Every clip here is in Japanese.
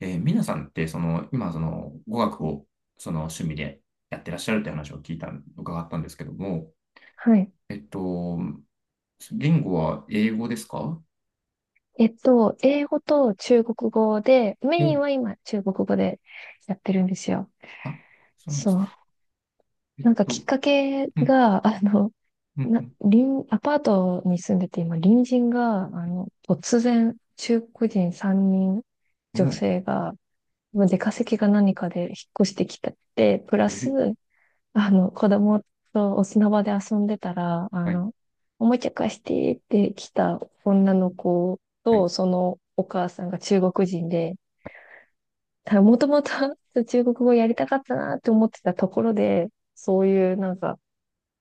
皆さんって、今、語学を、趣味でやってらっしゃるって話を聞いた、伺ったんですけども、はい。えっと、言語は英語ですか英語と中国語で、メインは今中国語でやってるんですよ。あ、そうなんでそすう。か。えっなんかきっと、かけうん、が、うん、隣、アパートに住んでて今、隣人が、突然、中国人3人、う女ん、お、性が、まあ出稼ぎが何かで引っ越してきたって、プラえス、ー、子供とお砂場で遊んでたら、はい、おもちゃ貸してって来た女の子はい、と、そのお母さんが中国人で、もともと 中国語やりたかったなって思ってたところで、そういうなんか、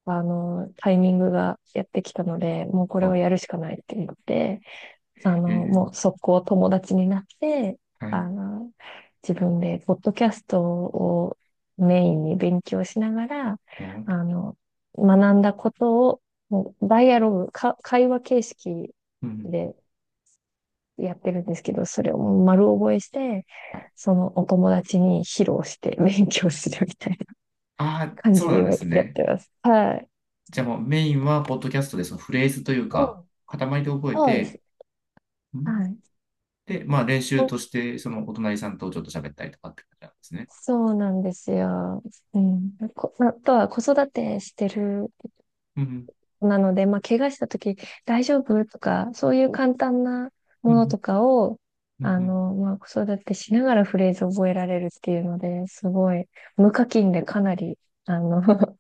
あの、タイミングがやってきたので、もうこれをあ、やるしかないって言って、えー、もう速攻友達になって、はあい、の、自分でポッドキャストをメインに勉強しながら、お、うあの、学んだことを、もうダイアログ、か、会話形式ん、でやってるんですけど、それをもう丸覚えして、はい。そのお友達に披露して勉強するみたいなああ、感そじうでなん今ですやっね。てます。はい。じゃあもうメインは、ポッドキャストで、そのフレーズといううか、ん、塊で覚えそうでて、す。うん。はい。で、まあ練習ほ、として、そのお隣さんとちょっと喋ったりとかって感じなんですね。そうなんですよ。うん。まあとは子育てしてるうんなので、まあ、怪我したとき大丈夫とか、そういう簡単なうものとん、かを、うん、まあ、子育てしながらフレーズ覚えられるっていうので、すごい、無課金でかなり、あの、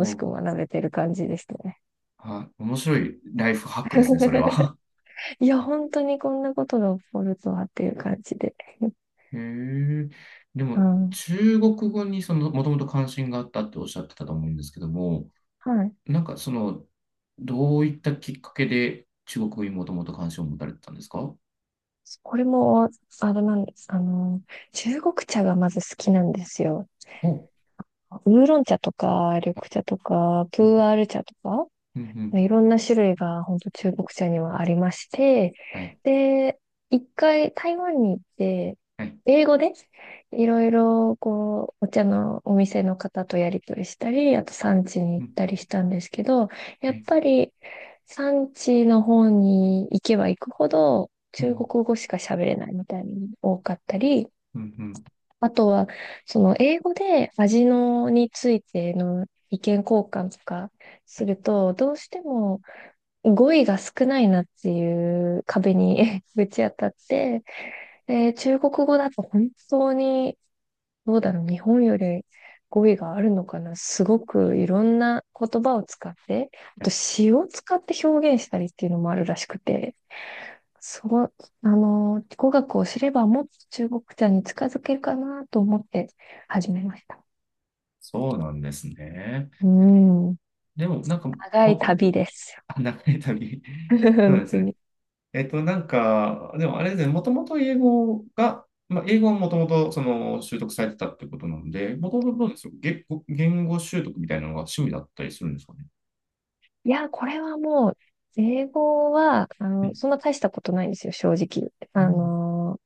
うん。しお、く学べてる感じですね。あ、面白いライフハックですね、それは。いや、本当にこんなことが起こるとはっていう感じで。へえ。でうも、ん。中国語にその、もともと関心があったっておっしゃってたと思うんですけども、はい。なんかその、どういったきっかけで中国語にもともと関心を持たれてたんですかこれも、あれなんです。中国茶がまず好きなんですよ。ほウーロン茶とか、緑茶とか、プうん、ーアール茶とか。うん、うん。いろんな種類が本当中国茶にはありまして、はい、で、一回台湾に行って、はい、英語でいろいろこう、お茶のお店の方とやり取りしたり、あと産地にう行っん、たりしたんですけど、やはっい、ぱり産地の方に行けば行くほどう中ん、国語しか喋れないみたいに多かったり、うん、うん。あとはその英語で味のについての意見交換とかすると、どうしても語彙が少ないなっていう壁に ぶち当たって、で、中国語だと本当に、どうだろう、日本より語彙があるのかな。すごくいろんな言葉を使って、あはとい、詩を使って表現したりっていうのもあるらしくて、そう、語学を知ればもっと中国茶に近づけるかなと思って始めました。そうなんですね。うん、でも、なんか、長もいとも旅と、ですよ。あ、長い旅。そう本です当ね。に。なんか、でもあれですね、もともと英語が、まあ、英語はもともとその習得されてたってことなんで、もともとどうですか。言語習得みたいなのが趣味だったりするんですかね。いや、これはもう、英語は、うん、そんな大したことないんですよ、正直。うん、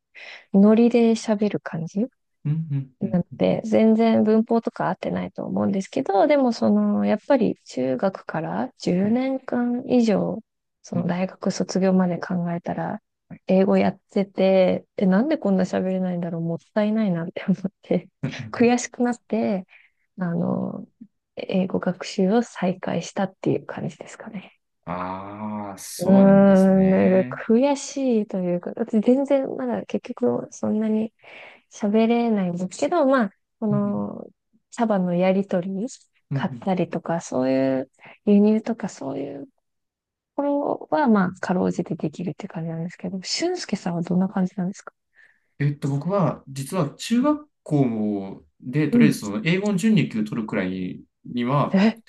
ノリで喋る感じうん、うん、うんなのうん、で、全然文法とか合ってないと思うんですけど、でもその、やっぱり中学からは10い、年間以上、そうのん、大学卒業まで考えたら、はい。英語やってて、え、なんでこんな喋れないんだろう、もったいないなって思って、うんう ん悔しくなって、あうん、の、英語学習を再開したっていう感じですかね。ああ、うそうなんですーん、なんかね。悔しいというか、だって全然まだ結局そんなに喋れないんですけど、まあ、こうんの、茶葉のやりとり、うんうん買っうん。たりとか、そういう輸入とかそういうころは、まあ、かろうじてできるって感じなんですけど、俊介さんはどんな感じなんですか？僕は、実は中学校で、うとりあえん。ずその英語の準2級取るくらいには、え、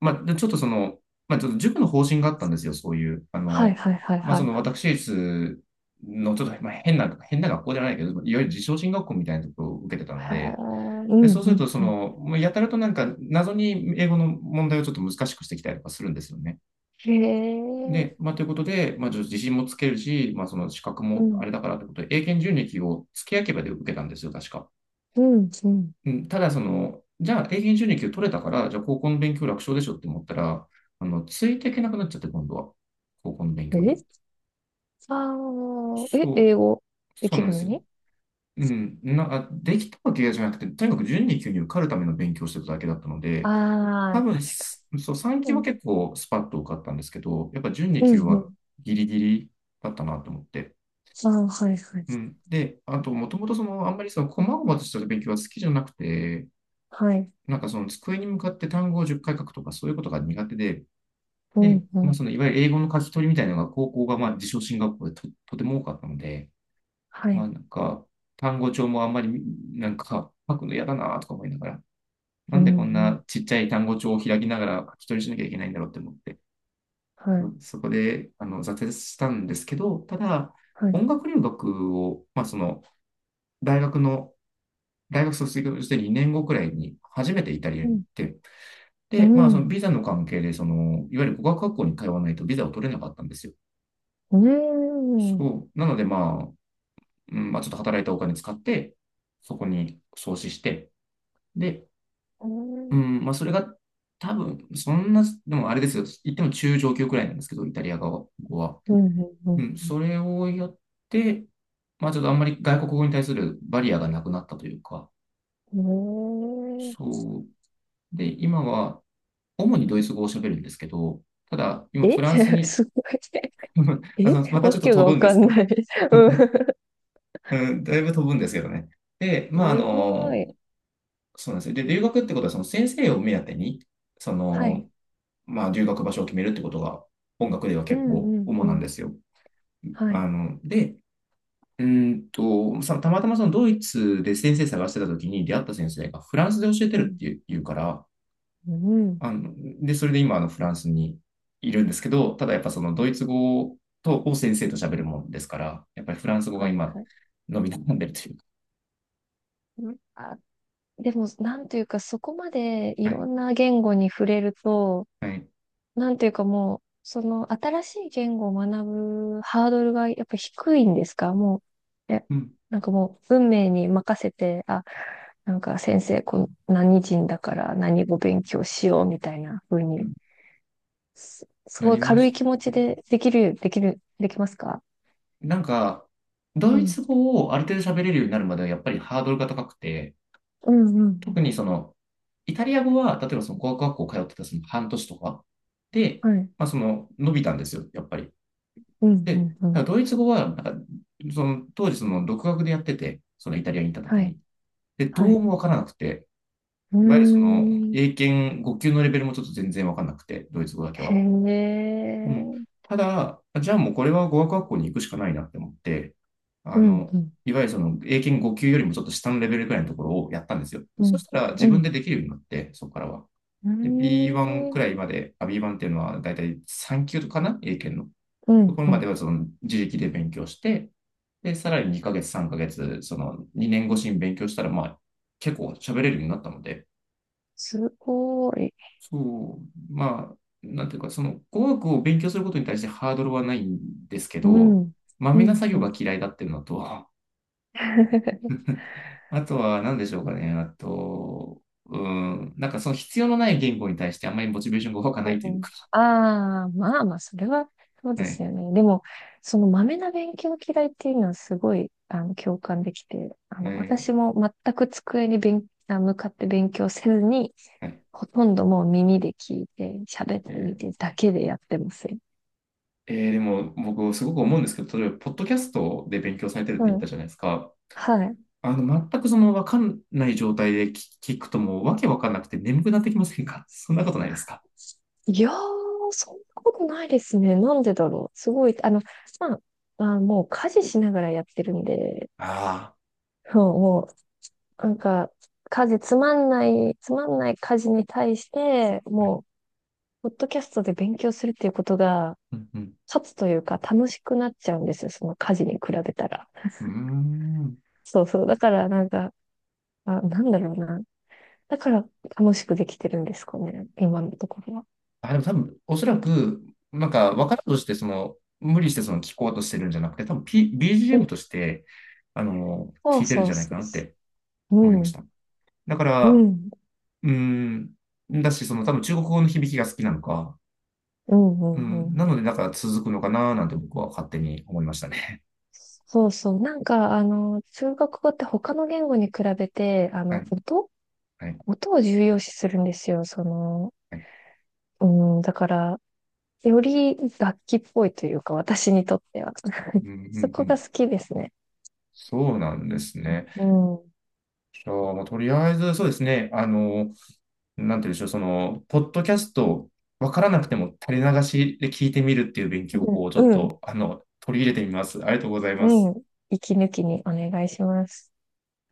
まあ、でちょっとその、まあ、ちょっと塾の方針があったんですよ、そういう。はいはいはいまあ、はそいのはい。私立のちょっと、まあ、変な学校じゃないけど、いわゆる自称進学校みたいなところを受けてたへので、ーうで、んうそうするんと、そうん。の、もうやたらとなんか謎に英語の問題をちょっと難しくしてきたりとかするんですよね。へえ、で、まあ、ということで、まあ、ちょっと自信もつけるし、まあ、その資格うもあん、れだからということで、英検準2級を付け焼き刃で受けたんですよ、確か。うん、うん。うん、ただその、じゃあ英検準2級取れたから、じゃあ高校の勉強楽勝でしょって思ったら、ついていけなくなっちゃって、今度は。高校の勉強に。え、英そう、語でそうきなんるでのすよ。に？うん、できたわけじゃなくて、とにかく準2級に受かるための勉強をしてただけだったので、あ多あ、分確かす、そう、3に。級うはん、結構スパッと受かったんですけど、やっぱ準2うん、級うはん。ギリギリだったなと思って。ああ、はい、はい。うん。で、あと、もともとその、あんまりその、細々とした勉強は好きじゃなくて、はい。なんかその机に向かって単語を10回書くとかそういうことが苦手で、うで、ん、うまあん。そのいわゆる英語の書き取りみたいなのが高校がまあ自称進学校で、とても多かったので、はまあい。なんか単語帳もあんまりなんか書くの嫌だなとか思いながら、なうんでん、うこんなん。ちっちゃい単語帳を開きながら書き取りしなきゃいけないんだろうって思って、はい、そこで挫折したんですけど、ただはい。音楽留学を、まあその大学の大学卒業して2年後くらいに初めてイタリアうに行っん、て、うで、まあ、そのん。ビザの関係で、その、いわゆる語学学校に通わないとビザを取れなかったんですよ。うん。うそう。なので、まあ、うん、まあ、ちょっと働いたお金使って、そこに創始して、で、うん。ん、まあ、それが多分、そんな、でもあれですよ。言っても中上級くらいなんですけど、イタリア語は。うん、ううん、ん、それをやって、まあ、ちょっとあんまり外国語に対するバリアがなくなったというか、うん。うん。そう。で、今は、主にドイツ語を喋るんですけど、ただ、今、え、 フランス に、すごい。えまたちわょっとけが飛ぶわんでかすけんど、ない。う ん。うん、だいぶ飛ぶんですけどね。で、まあ、すごい。そうなんですよ。で、留学ってことは、その先生を目当てに、そはい。の、まあ、留学場所を決めるってことが、音楽ではう結ん、構うん、う主なんん。ですよ。はい。で、たまたまそのドイツで先生探してた時に出会った先生がフランスで教えてうるっん、ていう、言うから、うん。あの、で、それで今、フランスにいるんですけど、ただやっぱそのドイツ語を先生と喋るもんですから、やっぱりフランス語がはい、今、はい。伸び悩んでるというか。うん、あ、でも、なんというか、そこまでいはろい。んな言語に触れると、はい、なんていうかもう、その新しい言語を学ぶハードルがやっぱ低いんですか？もう、え、うんなんかもう運命に任せて、あ、なんか先生、こう何人だから何語勉強しようみたいな風うに、ん、すなごいりま軽いし気持たちね。でできる、できる、できますか？なんか、ドうイツん。語をある程度喋れるようになるまではやっぱりハードルが高くて、うんうん特にその、イタリア語は、例えばその語学学校通ってたその半年とかで、うん。はい。まあその、伸びたんですよ、やっぱり。うんで、うんうたん。だドイツ語は、なんか、その、当時その、独学でやってて、そのイタリアに行った時はい。に。で、どはうい。もわからなくて、うーいわゆるその、ん。英検5級のレベルもちょっと全然わかんなくて、ドイツ語だけへは。うん。え。ただ、じゃあもうこれは語学学校に行くしかないなって思って、うあんの、うん。いわゆるその英検5級よりもちょっと下のレベルくらいのところをやったんですよ。うそん。したら自う分でん。できるようになって、そこからは。うーで、B1 くらん、いまで、あ、B1 っていうのはだいたい3級かな、英検の。うとこん、ろうまでん、はその自力で勉強して、で、さらに2ヶ月、3ヶ月、その2年越しに勉強したら、まあ、結構喋れるようになったので、すごい。そう、まあ、なんていうか、その語学を勉強することに対してハードルはないんですけうん、ど、まうめなん、作う業がん。嫌いだっていうのと、あとは何でしょうかね、あと、うん、なんかその必要のない言語に対してあんまりモチベーションが湧かないとういうん、か、ああ、まあまあ、それは、そうはですい、よね。でも、その豆な勉強嫌いっていうのはすごい、共感できて、はい、私も全く机に向かって勉強せずに、はい。ほとんどもう耳で聞いて、喋えってみーてだけでやってますよ。でも僕すごく思うんですけど、例えば、ポッドキャストで勉強されてるってう言ったん。じゃないですか。はい。全くその分かんない状態で聞くともうわけわかんなくて眠くなってきませんか？ そんなことないですか。いやー、そんなことないですね。なんでだろう。すごい、まあ、まあ、もう家事しながらやってるんで、ああ。そうもう、なんか、家事つまんない、つまんない家事に対して、もう、ポッドキャストで勉強するっていうことが、うんうん、勝つというか、楽しくなっちゃうんですよ。その家事に比べたら。うーん、そうそう。だから、なんか、あ、なんだろうな。だから、楽しくできてるんですかね。今のところは。あ、でも多分、おそらく、なんか、分からんとして、その、無理してその聞こうとしてるんじゃなくて、多分、う BGM んとして、そ聞ういてるんそじうゃないそかうなっそてう。思いまうしん。た。だかうら、ん。うーん、だし、その、多分、中国語の響きが好きなのか、うんううんうん、んなので、なんか続くのかな、なんて僕は勝手に思いましたね。そうそう。なんか、中国語って他の言語に比べて、はい、音はい、音を重要視するんですよ。その、はい。うん、だから、より楽器っぽいというか、私にとっては。うん、うそん、うこがん。好きですね。そうなんですね。うん。うん、じゃあ、もうとりあえず、そうですね。なんて言うんでしょう、その、ポッドキャスト、わからなくても垂れ流しで聞いてみるっていう勉強法をちょっうん、と、取り入れてみます。ありがとうございうます。ん。息抜きにお願いします。